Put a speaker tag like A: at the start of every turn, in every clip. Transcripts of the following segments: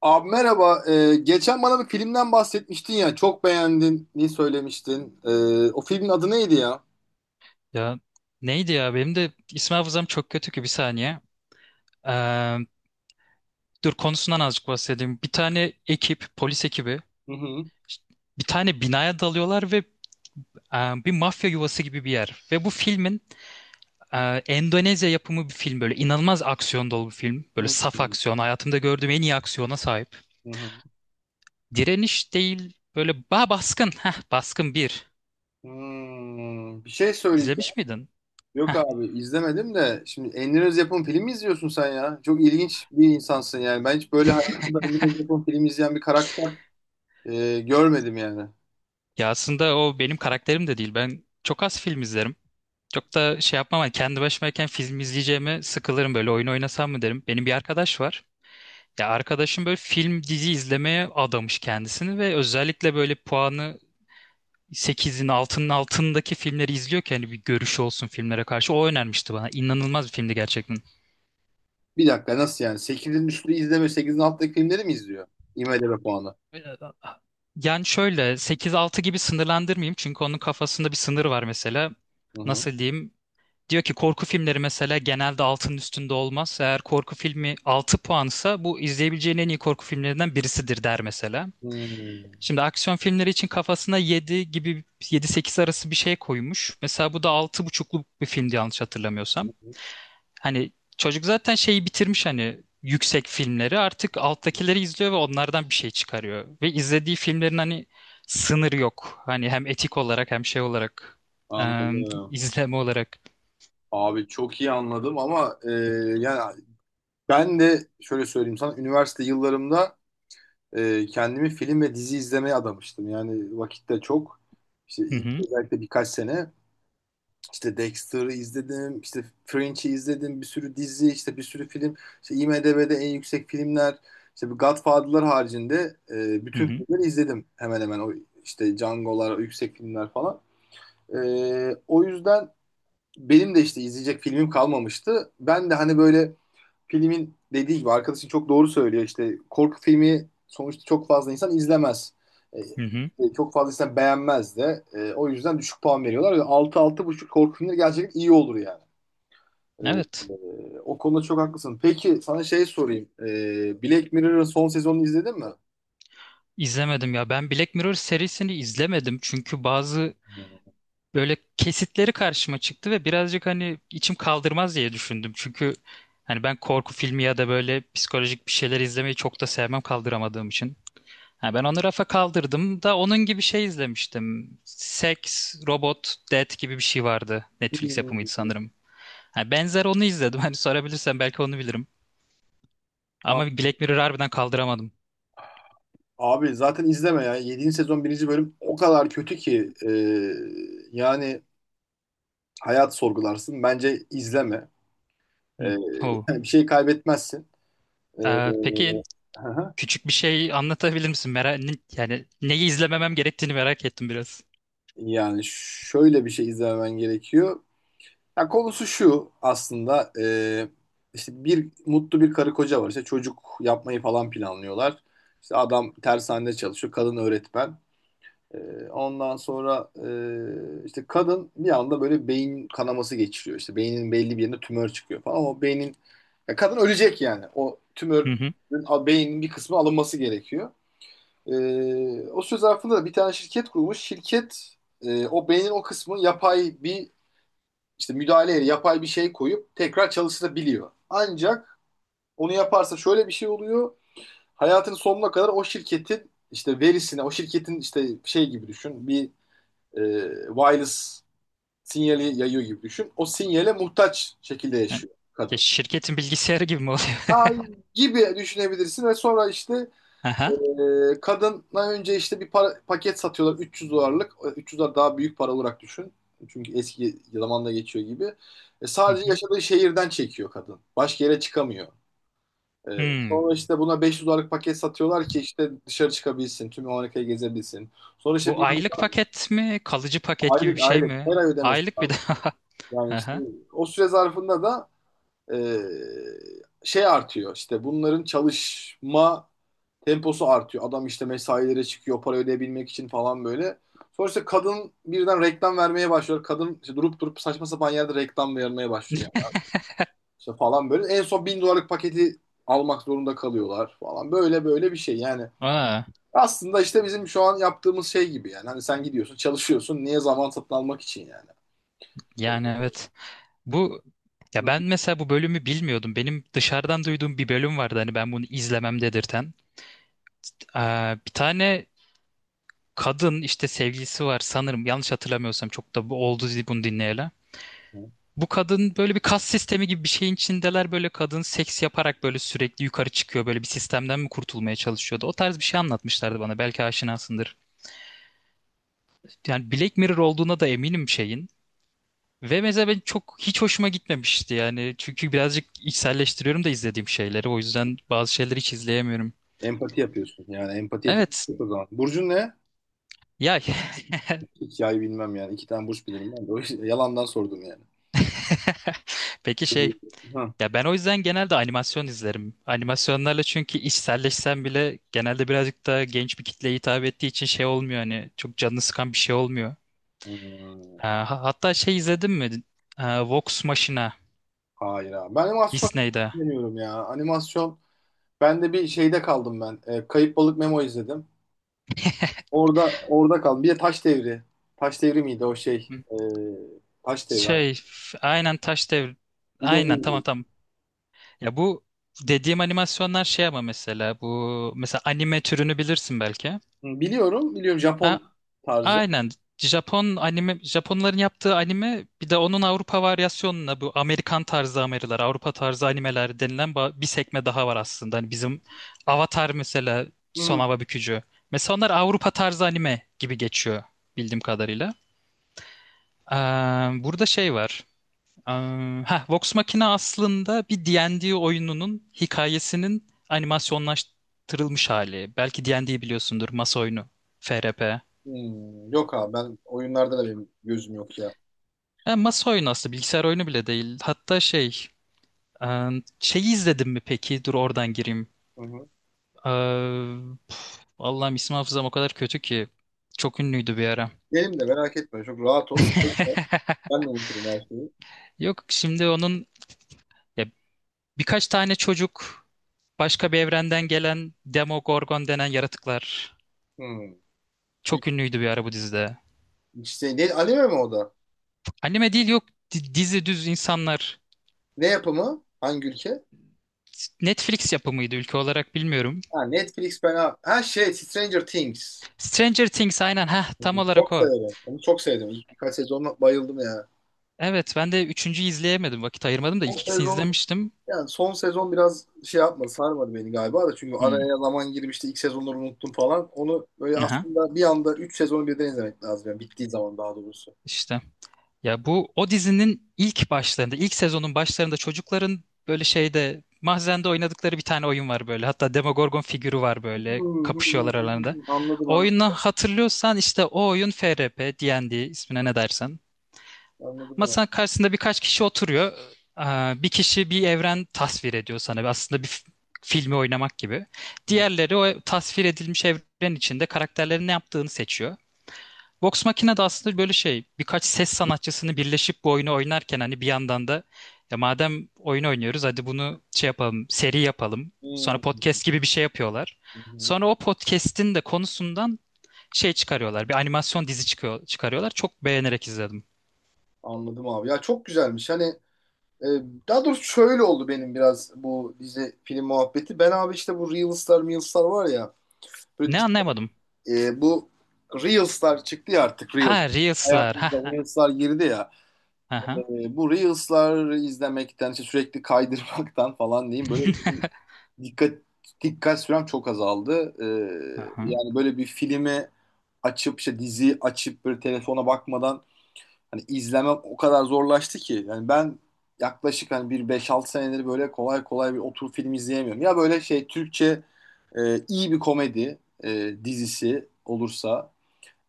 A: Abi merhaba. Geçen bana bir filmden bahsetmiştin ya. Çok beğendin. Ne söylemiştin? O filmin adı neydi ya?
B: Ya neydi ya benim de isim hafızam çok kötü ki bir saniye. Ee, Dur konusundan azıcık bahsedeyim. Bir tane ekip, polis ekibi
A: Hı hı.
B: bir tane binaya dalıyorlar ve bir mafya yuvası gibi bir yer. Ve bu filmin e, Endonezya yapımı bir film, böyle inanılmaz aksiyon dolu bir film.
A: Hı
B: Böyle saf
A: hı.
B: aksiyon, hayatımda gördüğüm en iyi aksiyona sahip.
A: Hı hı.
B: Direniş değil, böyle baskın. Baskın bir.
A: Bir şey söyleyeceğim.
B: İzlemiş miydin?
A: Yok
B: Heh.
A: abi izlemedim de. Şimdi Emre Öz yapım film mi izliyorsun sen ya? Çok ilginç bir insansın yani. Ben hiç böyle hayatımda Emre Öz yapım film izleyen bir karakter görmedim yani.
B: Ya aslında o benim karakterim de değil. Ben çok az film izlerim. Çok da şey yapmam. Hani kendi başımayken film izleyeceğime sıkılırım, böyle oyun oynasam mı derim. Benim bir arkadaş var. Ya arkadaşım böyle film dizi izlemeye adamış kendisini ve özellikle böyle puanı sekizin altının altındaki filmleri izliyor ki hani bir görüşü olsun filmlere karşı. O önermişti bana. İnanılmaz bir filmdi gerçekten.
A: Bir dakika nasıl yani? Sekizin üstü izleme, sekizin alttaki filmleri mi izliyor? IMDb puanı.
B: Yani şöyle sekiz altı gibi sınırlandırmayayım, çünkü onun kafasında bir sınır var mesela.
A: Hı hı.
B: Nasıl diyeyim? Diyor ki korku filmleri mesela genelde 6'nın üstünde olmaz. Eğer korku filmi 6 puansa bu izleyebileceğin en iyi korku filmlerinden birisidir der mesela.
A: Hmm.
B: Şimdi aksiyon filmleri için kafasına 7 gibi, yedi sekiz arası bir şey koymuş. Mesela bu da 6,5'luk bir filmdi yanlış hatırlamıyorsam. Hani çocuk zaten şeyi bitirmiş, hani yüksek filmleri, artık alttakileri izliyor ve onlardan bir şey çıkarıyor. Ve izlediği filmlerin hani sınırı yok. Hani hem etik olarak hem şey olarak eee,
A: Anladım.
B: izleme olarak.
A: Abi çok iyi anladım ama yani ben de şöyle söyleyeyim sana üniversite yıllarımda kendimi film ve dizi izlemeye adamıştım. Yani vakitte çok işte
B: Hı
A: ilk
B: hı
A: özellikle birkaç sene işte Dexter'ı izledim, işte Fringe'i izledim, bir sürü dizi, işte bir sürü film. İşte IMDb'de en yüksek filmler, işte bu Godfather'lar haricinde
B: hı
A: bütün
B: hı
A: filmleri izledim hemen hemen o işte Django'lar, o yüksek filmler falan. O yüzden benim de işte izleyecek filmim kalmamıştı. Ben de hani böyle filmin dediği gibi arkadaşın çok doğru söylüyor. İşte korku filmi sonuçta çok fazla insan izlemez. E,
B: hı. Hı.
A: Çok fazla insan beğenmez de. O yüzden düşük puan veriyorlar. 6 buçuk korku filmleri gerçekten iyi olur yani. E,
B: Evet.
A: O konuda çok haklısın. Peki sana şey sorayım. Black Mirror'ın son sezonunu izledin mi?
B: İzlemedim ya. Ben Black Mirror serisini izlemedim. Çünkü bazı böyle kesitleri karşıma çıktı ve birazcık hani içim kaldırmaz diye düşündüm. Çünkü hani ben korku filmi ya da böyle psikolojik bir şeyler izlemeyi çok da sevmem, kaldıramadığım için. Ha, ben onu rafa kaldırdım da onun gibi şey izlemiştim. Sex, Robot, Death gibi bir şey vardı. Netflix yapımıydı
A: Hmm.
B: sanırım. Ha, benzer, onu izledim. Hani sorabilirsen belki onu bilirim. Ama Black Mirror harbiden kaldıramadım.
A: Abi zaten izleme ya. 7. sezon 1. bölüm o kadar kötü ki yani hayat sorgularsın. Bence izleme. E,
B: Hı. Oh.
A: Bir şey kaybetmezsin. Ee,
B: Peki
A: hı hı.
B: küçük bir şey anlatabilir misin? Merak, yani neyi izlememem gerektiğini merak ettim biraz.
A: Yani şöyle bir şey izlemen gerekiyor. Ya konusu şu aslında işte bir mutlu bir karı koca var. İşte çocuk yapmayı falan planlıyorlar. İşte adam tersanede çalışıyor. Kadın öğretmen. Ondan sonra işte kadın bir anda böyle beyin kanaması geçiriyor. İşte beynin belli bir yerine tümör çıkıyor falan. O beynin Ya kadın ölecek yani. O tümörün beynin bir kısmı alınması gerekiyor. O söz zarfında da bir tane şirket kurmuş. O beynin o kısmı yapay bir işte müdahaleyle yapay bir şey koyup tekrar çalıştırabiliyor. Ancak onu yaparsa şöyle bir şey oluyor. Hayatının sonuna kadar o şirketin işte verisine, o şirketin işte şey gibi düşün. Bir e, wireless sinyali yayıyor gibi düşün. O sinyale muhtaç şekilde
B: Yani,
A: yaşıyor
B: ya
A: kadın.
B: şirketin bilgisayarı gibi mi oluyor?
A: Ay gibi düşünebilirsin ve sonra işte
B: Aha.
A: Kadına önce işte paket satıyorlar 300 dolarlık. 300 dolar daha büyük para olarak düşün. Çünkü eski zamanda geçiyor gibi.
B: Hı
A: Sadece
B: hı.
A: yaşadığı şehirden çekiyor kadın. Başka yere çıkamıyor. E,
B: Hmm.
A: Sonra işte buna 500 dolarlık paket satıyorlar ki işte dışarı çıkabilsin. Tüm Amerika'yı gezebilsin. Sonra işte
B: Bu
A: bir
B: aylık paket mi? Kalıcı paket gibi
A: aylık
B: bir şey
A: aylık
B: mi?
A: her ay ödemesi
B: Aylık bir
A: lazım.
B: daha.
A: Yani işte
B: Aha.
A: o süre zarfında da e, şey artıyor. İşte bunların çalışma temposu artıyor. Adam işte mesailere çıkıyor para ödeyebilmek için falan böyle. Sonra işte kadın birden reklam vermeye başlıyor. Kadın işte durup durup saçma sapan yerde reklam vermeye başlıyor yani. İşte falan böyle. En son 1.000 dolarlık paketi almak zorunda kalıyorlar falan. Böyle böyle bir şey yani.
B: Aa,
A: Aslında işte bizim şu an yaptığımız şey gibi yani. Hani sen gidiyorsun, çalışıyorsun. Niye zaman satın almak için yani?
B: yani evet. Bu,
A: Hı
B: ya ben mesela bu bölümü bilmiyordum. Benim dışarıdan duyduğum bir bölüm vardı hani ben bunu izlemem dedirten. Aa, bir tane kadın, işte sevgilisi var sanırım, yanlış hatırlamıyorsam çok da bu oldu bunu dinleyeli.
A: hı.
B: Bu kadın böyle bir kas sistemi gibi bir şeyin içindeler, böyle kadın seks yaparak böyle sürekli yukarı çıkıyor, böyle bir sistemden mi kurtulmaya çalışıyordu. O tarz bir şey anlatmışlardı bana, belki aşinasındır. Yani Black Mirror olduğuna da eminim şeyin. Ve mesela ben çok, hiç hoşuma gitmemişti yani, çünkü birazcık içselleştiriyorum da izlediğim şeyleri, o yüzden bazı şeyleri hiç izleyemiyorum.
A: Empati yapıyorsun. Yani empati yeteneği
B: Evet
A: yok o zaman. Burcun ne?
B: ya.
A: Hikaye bilmem yani. İki tane burç bilirim ben de. O yüzden yalandan sordum yani.
B: Peki şey,
A: Hı.
B: ya ben o yüzden genelde animasyon izlerim. Animasyonlarla, çünkü içselleşsem bile genelde birazcık daha genç bir kitleye hitap ettiği için şey olmuyor, hani çok canını sıkan bir şey olmuyor.
A: Hı.
B: Ha, hatta şey izledin mi? Ha, Vox Machina
A: Hayır abi. Ben animasyon
B: Disney'de.
A: deniyorum ya. Animasyon. Ben de bir şeyde kaldım ben. Kayıp Balık Memo izledim. Orada orada kaldım. Bir de Taş Devri. Taş Devri miydi o şey?
B: Hı.
A: Taş Devri, abi.
B: Şey aynen Taş Devri.
A: Bir de onu
B: Aynen, tamam
A: izledim.
B: tamam. Ya bu dediğim animasyonlar şey, ama mesela bu mesela anime türünü bilirsin belki.
A: Hı, biliyorum. Biliyorum,
B: Ha,
A: Japon tarzı.
B: aynen. Japon anime, Japonların yaptığı anime, bir de onun Avrupa varyasyonuna, bu Amerikan tarzı animeler, Avrupa tarzı animeler denilen bir sekme daha var aslında. Hani bizim Avatar mesela, Son
A: Hı.
B: Hava Bükücü. Mesela onlar Avrupa tarzı anime gibi geçiyor bildiğim kadarıyla. Ee, Burada şey var. Ee, Vox Machina aslında bir D&D oyununun hikayesinin animasyonlaştırılmış hali. Belki D&D biliyorsundur, masa oyunu, FRP.
A: Yok abi ben oyunlarda da benim gözüm yok ya.
B: Yani masa oyunu, aslında bilgisayar oyunu bile değil. Hatta şey, e, şeyi izledim mi peki? Dur oradan gireyim.
A: Hı hı.
B: E, Allah'ım, isim hafızam o kadar kötü ki. Çok ünlüydü bir ara.
A: Benim de merak etme. Çok rahat ol. Sakin ol. Ben de unuturum her şeyi.
B: Yok, şimdi onun, ya, birkaç tane çocuk, başka bir evrenden gelen Demogorgon denen yaratıklar.
A: Hı. Bir,
B: Çok ünlüydü bir ara bu dizide.
A: işte, ne, anime mi o da?
B: Anime değil, yok, dizi, düz insanlar.
A: Ne yapımı? Hangi ülke?
B: Netflix yapımıydı, ülke olarak bilmiyorum.
A: Ha, Netflix ben abi, ha şey, Stranger Things.
B: Stranger Things, aynen, ha,
A: Hı,
B: tam olarak
A: çok
B: o.
A: severim. Onu çok sevdim. İlk birkaç sezonla bayıldım ya.
B: Evet, ben de üçüncüyü izleyemedim. Vakit ayırmadım da
A: Son
B: ilk ikisini
A: sezon
B: izlemiştim.
A: yani son sezon biraz şey yapmadı, sarmadı beni galiba da çünkü
B: Hmm.
A: araya zaman girmişti. İlk sezonları unuttum falan. Onu böyle
B: Aha.
A: aslında bir anda 3 sezonu birden izlemek lazım yani bittiği zaman daha doğrusu.
B: İşte, ya bu o dizinin ilk başlarında, ilk sezonun başlarında çocukların böyle şeyde, mahzende oynadıkları bir tane oyun var böyle. Hatta Demogorgon figürü var,
A: Hı,
B: böyle
A: hı, hı,
B: kapışıyorlar aralarında.
A: hı, anladım
B: O
A: anladım.
B: oyunu hatırlıyorsan, işte o oyun FRP, D&D, ismine ne dersen.
A: Anladım onu.
B: Masanın karşısında birkaç kişi oturuyor. Bir kişi bir evren tasvir ediyor sana. Aslında bir filmi oynamak gibi.
A: Hı,
B: Diğerleri o tasvir edilmiş evren içinde karakterlerin ne yaptığını seçiyor. Vox Machina da aslında böyle şey, birkaç ses sanatçısını birleşip bu oyunu oynarken hani bir yandan da ya madem oyun oynuyoruz hadi bunu şey yapalım, seri yapalım. Sonra podcast gibi bir şey yapıyorlar.
A: hı,
B: Sonra o podcast'in de konusundan şey çıkarıyorlar. Bir animasyon dizi çıkıyor, çıkarıyorlar. Çok beğenerek izledim.
A: anladım abi. Ya çok güzelmiş. Hani Ee, daha doğrusu şöyle oldu benim biraz bu dizi film muhabbeti. Ben abi işte bu Reels'lar var ya. Böyle,
B: Ne, anlayamadım.
A: bu Reels'lar çıktı ya artık
B: Ha,
A: Reel.
B: Reels'lar. Ha
A: Hayatımıza
B: ha.
A: Reels'lar girdi ya.
B: Aha.
A: Bu Reels'lar izlemekten, işte sürekli kaydırmaktan falan diyeyim böyle dikkat dikkat sürem çok azaldı.
B: Aha.
A: Yani böyle bir filmi açıp işte diziyi açıp böyle telefona bakmadan hani izlemem o kadar zorlaştı ki. Yani ben yaklaşık hani bir 5-6 senedir böyle kolay kolay bir oturup film izleyemiyorum. Ya böyle şey Türkçe iyi bir komedi dizisi olursa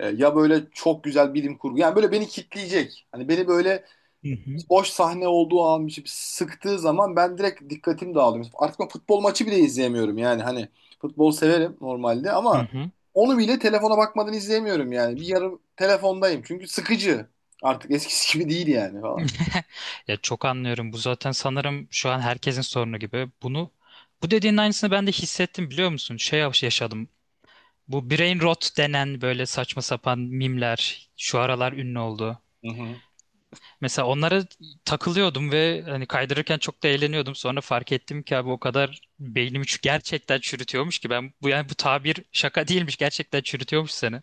A: ya böyle çok güzel bilim kurgu. Yani böyle beni kitleyecek. Hani beni böyle
B: Hı hı.
A: boş sahne olduğu an bir şey sıktığı zaman ben direkt dikkatim dağılıyor. Artık ben futbol maçı bile izleyemiyorum yani hani futbol severim normalde
B: Hı
A: ama
B: hı.
A: onu bile telefona bakmadan izleyemiyorum yani. Bir yarım telefondayım çünkü sıkıcı. Artık eskisi gibi değil yani falan.
B: Ya çok anlıyorum. Bu zaten sanırım şu an herkesin sorunu gibi. Bunu, bu dediğin aynısını ben de hissettim, biliyor musun? Şey yaşadım. Bu brain rot denen böyle saçma sapan mimler şu aralar ünlü oldu.
A: Hı hı.
B: Mesela onlara takılıyordum ve hani kaydırırken çok da eğleniyordum. Sonra fark ettim ki abi o kadar beynimi gerçekten çürütüyormuş ki, ben bu, yani bu tabir şaka değilmiş. Gerçekten çürütüyormuş seni.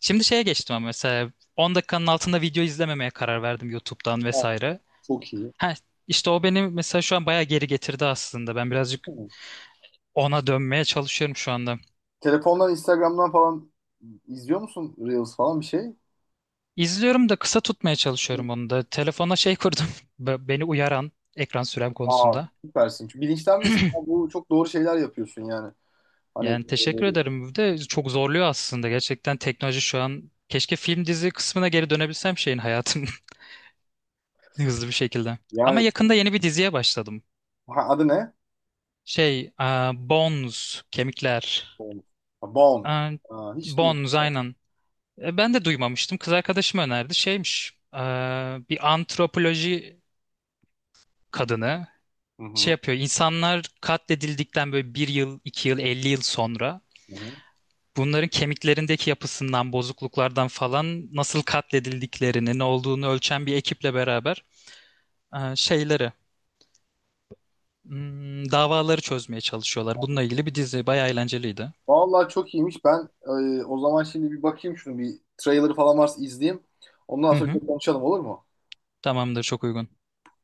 B: Şimdi şeye geçtim, ama mesela 10 dakikanın altında video izlememeye karar verdim YouTube'dan
A: Ha,
B: vesaire.
A: çok iyi.
B: Ha, işte o beni mesela şu an bayağı geri getirdi aslında. Ben birazcık
A: Hı.
B: ona dönmeye çalışıyorum şu anda.
A: Telefondan, Instagram'dan falan izliyor musun Reels falan bir şey?
B: İzliyorum da kısa tutmaya
A: Hı.
B: çalışıyorum onu da. Telefona şey kurdum. Beni uyaran, ekran sürem
A: Aa,
B: konusunda.
A: süpersin. Çünkü bilinçlenmesin. Bu çok doğru şeyler yapıyorsun yani. Hani
B: Yani teşekkür ederim. Bir de çok zorluyor aslında. Gerçekten teknoloji şu an, keşke film dizi kısmına geri dönebilsem şeyin, hayatım hızlı bir şekilde. Ama
A: yani
B: yakında yeni bir diziye başladım.
A: ha, adı ne?
B: Şey, aa, Bones, Kemikler.
A: Bones. Ha, Bones.
B: Ee,
A: Ha, hiç duymadım.
B: Bones, aynen. Ben de duymamıştım. Kız arkadaşım önerdi. Şeymiş. Bir antropoloji kadını
A: Hı
B: şey
A: hı.
B: yapıyor. İnsanlar katledildikten böyle 1 yıl, 2 yıl, 50 yıl sonra
A: Hı hı.
B: bunların kemiklerindeki yapısından, bozukluklardan falan nasıl katledildiklerini, ne olduğunu ölçen bir ekiple beraber şeyleri, davaları çözmeye çalışıyorlar. Bununla ilgili bir dizi. Bayağı eğlenceliydi.
A: Vallahi çok iyiymiş. Ben o zaman şimdi bir bakayım şunu bir trailer falan varsa izleyeyim. Ondan
B: Hı
A: sonra
B: hı.
A: bir konuşalım olur mu?
B: Tamamdır, çok uygun.